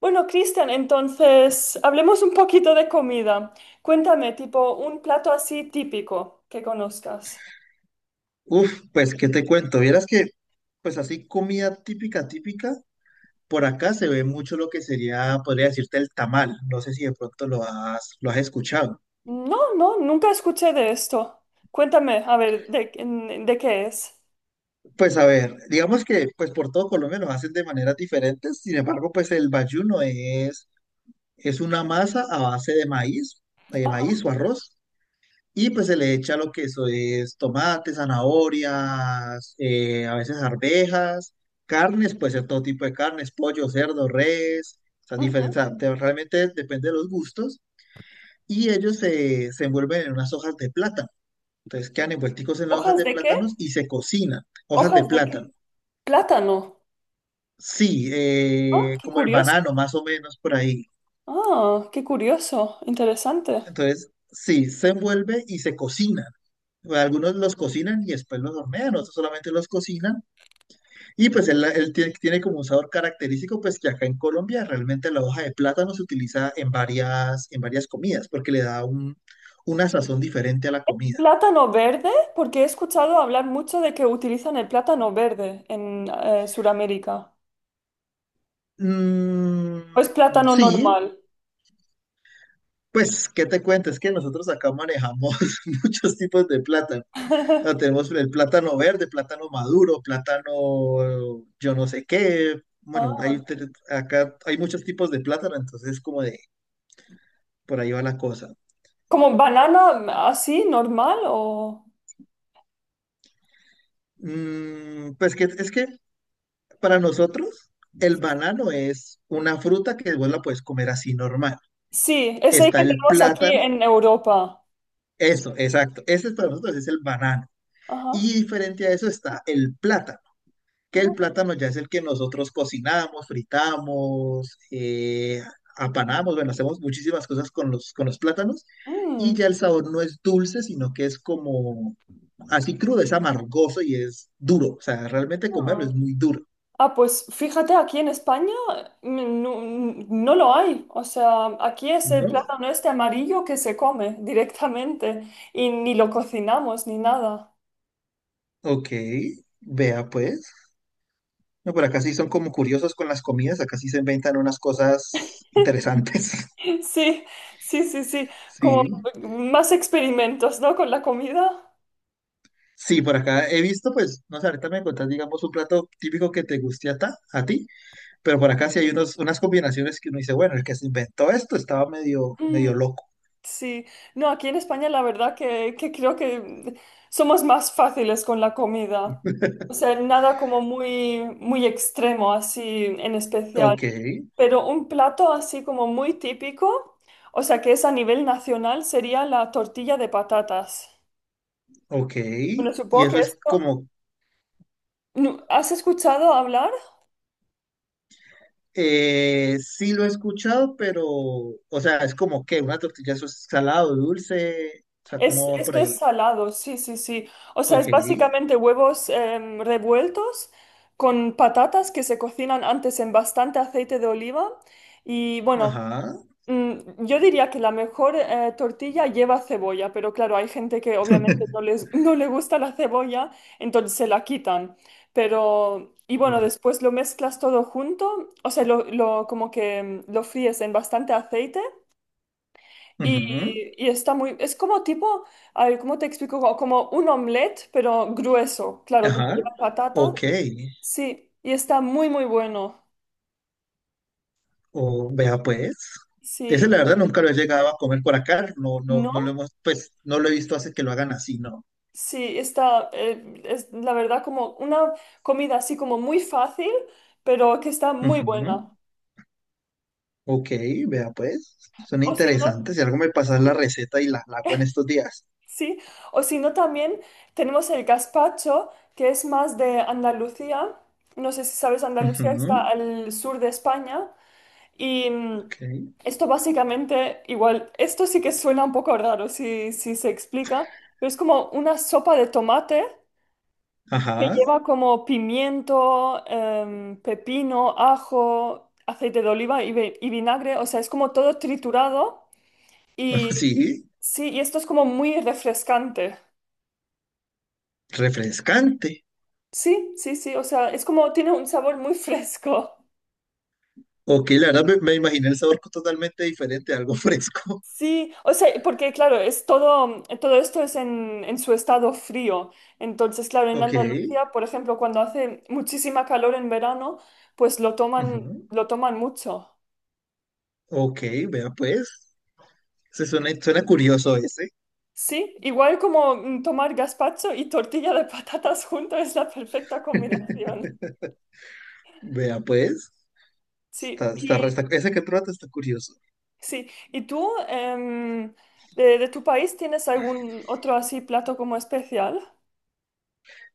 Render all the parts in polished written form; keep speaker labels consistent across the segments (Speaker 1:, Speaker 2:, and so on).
Speaker 1: Bueno, Cristian, entonces hablemos un poquito de comida. Cuéntame, tipo, un plato así típico que conozcas.
Speaker 2: Uf, pues, ¿qué te cuento? Vieras que, pues así, comida típica, típica, por acá se ve mucho lo que sería, podría decirte, el tamal. No sé si de pronto lo has escuchado.
Speaker 1: No, no, nunca escuché de esto. Cuéntame, a ver, ¿ de qué es?
Speaker 2: Pues a ver, digamos que, pues por todo Colombia lo hacen de maneras diferentes, sin embargo, pues el bayuno es una masa a base de
Speaker 1: Ajá,
Speaker 2: maíz o arroz. Y pues se le echa lo que eso es tomate, zanahorias, a veces arvejas, carnes, puede ser todo tipo de carnes, pollo, cerdo, res, o sea,
Speaker 1: ujú.
Speaker 2: diferente, o sea, realmente depende de los gustos. Y ellos se envuelven en unas hojas de plátano. Entonces quedan envuelticos en las hojas
Speaker 1: ¿Hojas
Speaker 2: de
Speaker 1: de qué?
Speaker 2: plátanos y se cocinan. Hojas de
Speaker 1: ¿Hojas de qué?
Speaker 2: plátano.
Speaker 1: Plátano.
Speaker 2: Sí,
Speaker 1: Ah, qué
Speaker 2: como el
Speaker 1: curioso.
Speaker 2: banano, más o menos por ahí.
Speaker 1: Ah, qué curioso, interesante.
Speaker 2: Entonces, sí, se envuelve y se cocina. Algunos los cocinan y después los hornean, otros solamente los cocinan. Y pues él tiene, tiene como un sabor característico, pues que acá en Colombia realmente la hoja de plátano se utiliza en varias comidas, porque le da un, una sazón diferente a la comida.
Speaker 1: ¿Plátano verde? Porque he escuchado hablar mucho de que utilizan el plátano verde en Sudamérica.
Speaker 2: Mm,
Speaker 1: ¿O es plátano
Speaker 2: sí,
Speaker 1: normal?
Speaker 2: pues, ¿qué te cuento? Es que nosotros acá manejamos muchos tipos de plátano. O sea, tenemos el plátano verde, plátano maduro, plátano yo no sé qué. Bueno,
Speaker 1: Ah.
Speaker 2: hay, acá hay muchos tipos de plátano, entonces como de por ahí va la cosa.
Speaker 1: ¿Como banana así, normal o...?
Speaker 2: Mm, pues que es que para nosotros, el banano es una fruta que vos la puedes comer así normal.
Speaker 1: Sí, es el
Speaker 2: Está
Speaker 1: que
Speaker 2: el
Speaker 1: tenemos aquí
Speaker 2: plátano,
Speaker 1: en Europa.
Speaker 2: eso, exacto. Ese es para nosotros es el banano.
Speaker 1: Ajá.
Speaker 2: Y diferente a eso está el plátano, que el
Speaker 1: Oh,
Speaker 2: plátano ya es el que nosotros cocinamos, fritamos, apanamos, bueno, hacemos muchísimas cosas con los plátanos. Y
Speaker 1: mm,
Speaker 2: ya el sabor no es dulce, sino que es como así crudo, es amargoso y es duro. O sea, realmente comerlo
Speaker 1: ah.
Speaker 2: es muy duro,
Speaker 1: Ah, pues fíjate, aquí en España no, no lo hay. O sea, aquí es el
Speaker 2: ¿no?
Speaker 1: plátano este amarillo que se come directamente y ni lo cocinamos ni nada.
Speaker 2: Ok, vea pues. No, pero acá sí son como curiosos con las comidas, acá sí se inventan unas cosas interesantes.
Speaker 1: Sí, sí, sí, sí. Como
Speaker 2: Sí,
Speaker 1: más experimentos, ¿no? Con la comida.
Speaker 2: sí, por acá he visto, pues, no sé, ahorita me contás, digamos, un plato típico que te guste a, a ti, pero por acá sí hay unos, unas combinaciones que uno dice, bueno, el que se inventó esto estaba medio, medio
Speaker 1: Mm.
Speaker 2: loco.
Speaker 1: Sí, no, aquí en España la verdad que creo que. Somos más fáciles con la comida. O sea, nada como muy, muy extremo así en especial.
Speaker 2: Ok,
Speaker 1: Pero un plato así como muy típico, o sea, que es a nivel nacional, sería la tortilla de patatas.
Speaker 2: ok,
Speaker 1: Bueno,
Speaker 2: y
Speaker 1: supongo que
Speaker 2: eso es
Speaker 1: esto...
Speaker 2: como,
Speaker 1: ¿Has escuchado hablar?
Speaker 2: sí lo he escuchado, pero, o sea, es como que una tortilla, eso es salado, dulce, o sea,
Speaker 1: Es,
Speaker 2: cómo va por
Speaker 1: esto es
Speaker 2: ahí.
Speaker 1: salado, sí, sí, sí. O sea,
Speaker 2: Ok,
Speaker 1: es básicamente huevos revueltos con patatas que se cocinan antes en bastante aceite de oliva. Y bueno,
Speaker 2: ajá.
Speaker 1: yo diría que la mejor tortilla lleva cebolla, pero claro, hay gente que obviamente no les, no le gusta la cebolla, entonces se la quitan. Pero, y bueno,
Speaker 2: Ok.
Speaker 1: después lo mezclas todo junto, o sea, como que, lo fríes en bastante aceite y,
Speaker 2: Ujú,
Speaker 1: y está muy, es como tipo, a ver, ¿cómo te explico? Como, como un omelette, pero grueso, claro, como
Speaker 2: ajá.
Speaker 1: lleva patata.
Speaker 2: Ok.
Speaker 1: Sí, y está muy, muy bueno.
Speaker 2: O vea pues. Ese
Speaker 1: Sí,
Speaker 2: la verdad nunca lo he llegado a comer por acá. No, no, no lo
Speaker 1: ¿no?
Speaker 2: hemos, pues no lo he visto hace que lo hagan así, no.
Speaker 1: Sí, está, es la verdad como una comida así como muy fácil, pero que está muy
Speaker 2: Ujú,
Speaker 1: buena.
Speaker 2: ok, vea pues. Son
Speaker 1: O si no,
Speaker 2: interesantes. Si algo me pasas
Speaker 1: sí,
Speaker 2: la receta y la hago en estos días.
Speaker 1: sí. O si no también tenemos el gazpacho, que es más de Andalucía. No sé si sabes, Andalucía está
Speaker 2: Ujú,
Speaker 1: al sur de España. Y
Speaker 2: ok.
Speaker 1: esto básicamente, igual, esto sí que suena un poco raro si se explica, pero es como una sopa de tomate que
Speaker 2: Ajá.
Speaker 1: lleva como pimiento, pepino, ajo, aceite de oliva y, y vinagre, o sea, es como todo triturado y
Speaker 2: Sí.
Speaker 1: sí, y esto es como muy refrescante.
Speaker 2: Refrescante.
Speaker 1: Sí, sí, sí, o sea, es como tiene un sabor muy fresco.
Speaker 2: Ok, la verdad me imaginé el sabor totalmente diferente, algo fresco.
Speaker 1: Sí, o sea, porque claro, es todo, todo esto es en su estado frío. Entonces, claro, en
Speaker 2: Ok.
Speaker 1: Andalucía, por ejemplo, cuando hace muchísima calor en verano, pues
Speaker 2: Ujú,
Speaker 1: lo toman mucho.
Speaker 2: ok, vea pues. Se suena, suena curioso ese.
Speaker 1: Sí, igual como tomar gazpacho y tortilla de patatas junto es la perfecta combinación.
Speaker 2: Vea, pues,
Speaker 1: Sí,
Speaker 2: está, está,
Speaker 1: y
Speaker 2: ese que trata está curioso.
Speaker 1: sí. ¿Y tú, de tu país, tienes algún otro así plato como especial?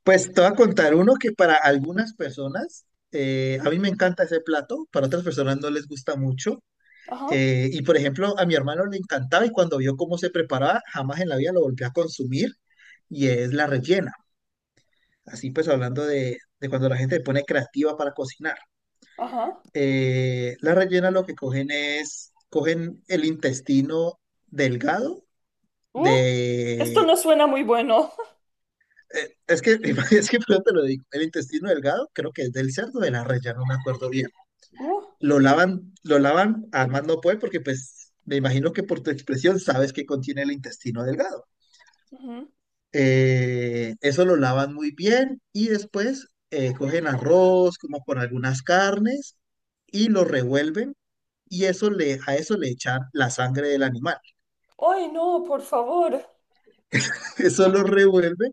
Speaker 2: Pues te voy a contar uno que para algunas personas, a mí me encanta ese plato, para otras personas no les gusta mucho.
Speaker 1: Ajá,
Speaker 2: Y por ejemplo, a mi hermano le encantaba y cuando vio cómo se preparaba, jamás en la vida lo volvió a consumir y es la rellena. Así pues, hablando de cuando la gente se pone creativa para cocinar.
Speaker 1: ajá.
Speaker 2: La rellena lo que cogen es, cogen el intestino delgado
Speaker 1: Uh, esto no
Speaker 2: de,
Speaker 1: suena muy bueno.
Speaker 2: Es que, es que pero te lo digo, el intestino delgado creo que es del cerdo de la res, ya no me acuerdo bien.
Speaker 1: Uh,
Speaker 2: Lo lavan a más no puede porque pues me imagino que por tu expresión sabes que contiene el intestino delgado.
Speaker 1: ujú.
Speaker 2: Eso lo lavan muy bien y después cogen arroz como con algunas carnes y lo revuelven y eso le, a eso le echan la sangre del animal.
Speaker 1: Ay, no, por favor.
Speaker 2: Eso lo revuelve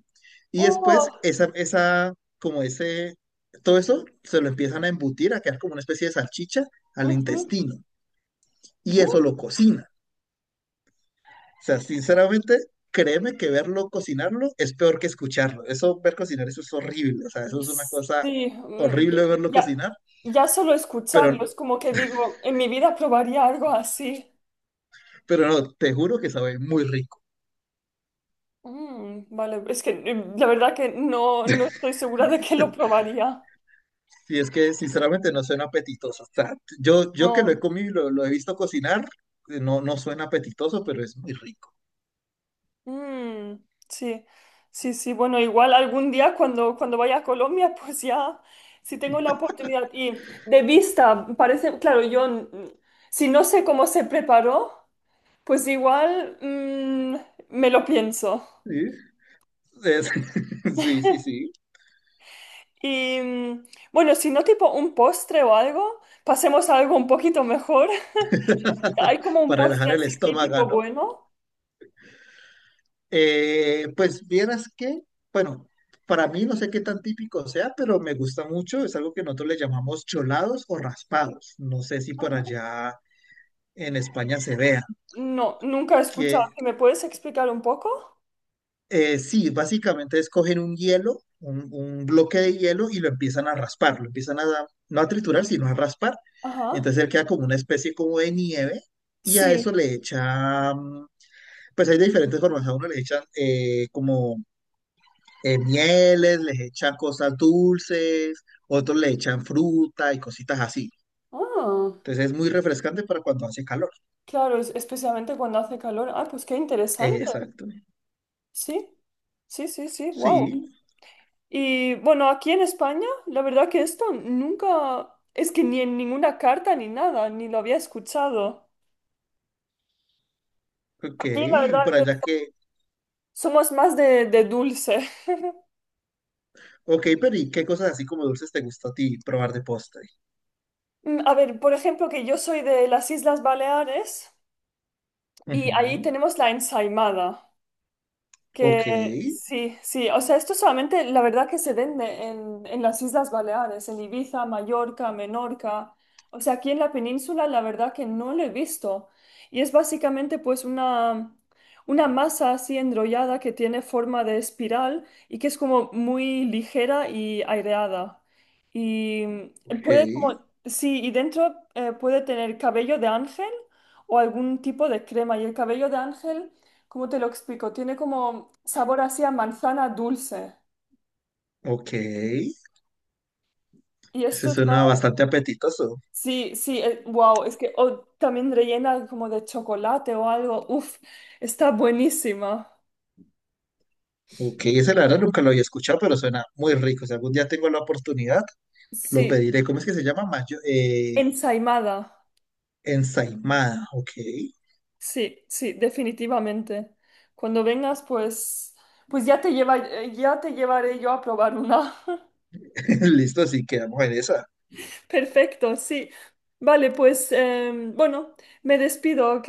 Speaker 2: y
Speaker 1: Oh,
Speaker 2: después como ese, todo eso se lo empiezan a embutir, a quedar como una especie de salchicha al
Speaker 1: ujú.
Speaker 2: intestino y
Speaker 1: Bu-
Speaker 2: eso lo cocina. O sea, sinceramente, créeme que verlo cocinarlo es peor que escucharlo. Eso, ver cocinar, eso es horrible. O sea, eso es una cosa
Speaker 1: Sí, ya,
Speaker 2: horrible verlo
Speaker 1: ya
Speaker 2: cocinar,
Speaker 1: ya solo
Speaker 2: pero,
Speaker 1: escucharlo es como que digo, en mi vida probaría algo así.
Speaker 2: pero no, te juro que sabe muy rico.
Speaker 1: Mm, vale, es que la verdad que no, no estoy segura de que lo probaría.
Speaker 2: Y es que sinceramente no suena apetitoso. O sea, yo que lo he
Speaker 1: No.
Speaker 2: comido y lo he visto cocinar, no, no suena apetitoso, pero es muy rico.
Speaker 1: Mm, sí, sí, sí. Bueno, igual algún día cuando, cuando vaya a Colombia, pues ya, si tengo la oportunidad. Y de vista, parece, claro, yo, si no sé cómo se preparó. Pues igual me lo pienso.
Speaker 2: Sí, es- sí, sí, sí.
Speaker 1: Y bueno, si no tipo un postre o algo, pasemos a algo un poquito mejor. ¿Hay como un
Speaker 2: Para
Speaker 1: postre
Speaker 2: relajar el
Speaker 1: así
Speaker 2: estómago,
Speaker 1: típico
Speaker 2: ¿no?
Speaker 1: bueno?
Speaker 2: Pues vieras que, bueno, para mí no sé qué tan típico sea, pero me gusta mucho. Es algo que nosotros le llamamos cholados o raspados. No sé si por
Speaker 1: Ajá.
Speaker 2: allá en España se vea.
Speaker 1: No, nunca he escuchado.
Speaker 2: Que
Speaker 1: ¿Sí? ¿Me puedes explicar un poco?
Speaker 2: sí, básicamente es cogen un hielo, un bloque de hielo y lo empiezan a raspar. Lo empiezan a, no a triturar, sino a raspar.
Speaker 1: Ajá.
Speaker 2: Entonces él queda como una especie como de nieve y a eso
Speaker 1: Sí.
Speaker 2: le echan pues hay de diferentes formas. A uno les echan como mieles, les echan cosas dulces, otros le echan fruta y cositas así.
Speaker 1: Ah,
Speaker 2: Entonces es muy refrescante para cuando hace calor.
Speaker 1: claro, especialmente cuando hace calor. Ah, pues qué interesante.
Speaker 2: Exacto.
Speaker 1: Sí, sí, sí, sí. Wow.
Speaker 2: Sí,
Speaker 1: Y bueno, aquí en España, la verdad que esto nunca, es que ni en ninguna carta ni nada, ni lo había escuchado.
Speaker 2: ok.
Speaker 1: Aquí la
Speaker 2: Y
Speaker 1: verdad
Speaker 2: por
Speaker 1: que
Speaker 2: allá
Speaker 1: so-
Speaker 2: que,
Speaker 1: somos más de dulce.
Speaker 2: ok, pero ¿y qué cosas así como dulces te gusta a ti probar de postre?
Speaker 1: Mm, a ver, por ejemplo, que yo soy de las Islas Baleares y ahí
Speaker 2: Ujú.
Speaker 1: tenemos la ensaimada.
Speaker 2: Ok,
Speaker 1: Que sí, sí, o sea, esto solamente la verdad que se vende en las Islas Baleares, en Ibiza, Mallorca, Menorca, o sea, aquí en la península la verdad que no lo he visto. Y es básicamente pues una masa así enrollada que tiene forma de espiral y que es como muy ligera y aireada. Y
Speaker 2: ok,
Speaker 1: puede como, sí, y dentro puede tener cabello de ángel o algún tipo de crema. Y el cabello de ángel... ¿Cómo te lo explico? Tiene como sabor así a manzana dulce.
Speaker 2: ok.
Speaker 1: Y esto
Speaker 2: Ese suena
Speaker 1: está...
Speaker 2: bastante apetitoso.
Speaker 1: Sí, sí, wow, es que o también rellena como de chocolate o algo. Uf, está buenísima.
Speaker 2: Ok, ese la verdad nunca lo había escuchado, pero suena muy rico. Si algún día tengo la oportunidad, lo
Speaker 1: Sí,
Speaker 2: pediré. ¿Cómo es que se llama?
Speaker 1: ensaimada.
Speaker 2: Ensaimada. Ok.
Speaker 1: Sí, sí, definitivamente. Cuando vengas, pues, pues ya te lleva, ya te llevaré yo a probar una.
Speaker 2: Listo, así quedamos en esa.
Speaker 1: Perfecto, sí. Vale, pues, bueno, me despido, ¿ok?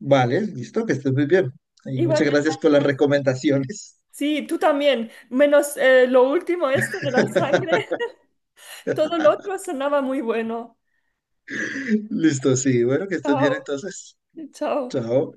Speaker 2: Vale, listo, que estés muy bien. Y muchas
Speaker 1: Igualmente.
Speaker 2: gracias por las recomendaciones.
Speaker 1: Sí, tú también. Menos lo último, esto de la sangre. Todo lo otro sonaba muy bueno.
Speaker 2: Listo, sí. Bueno, que estés
Speaker 1: Chao,
Speaker 2: bien entonces.
Speaker 1: chao.
Speaker 2: Chao.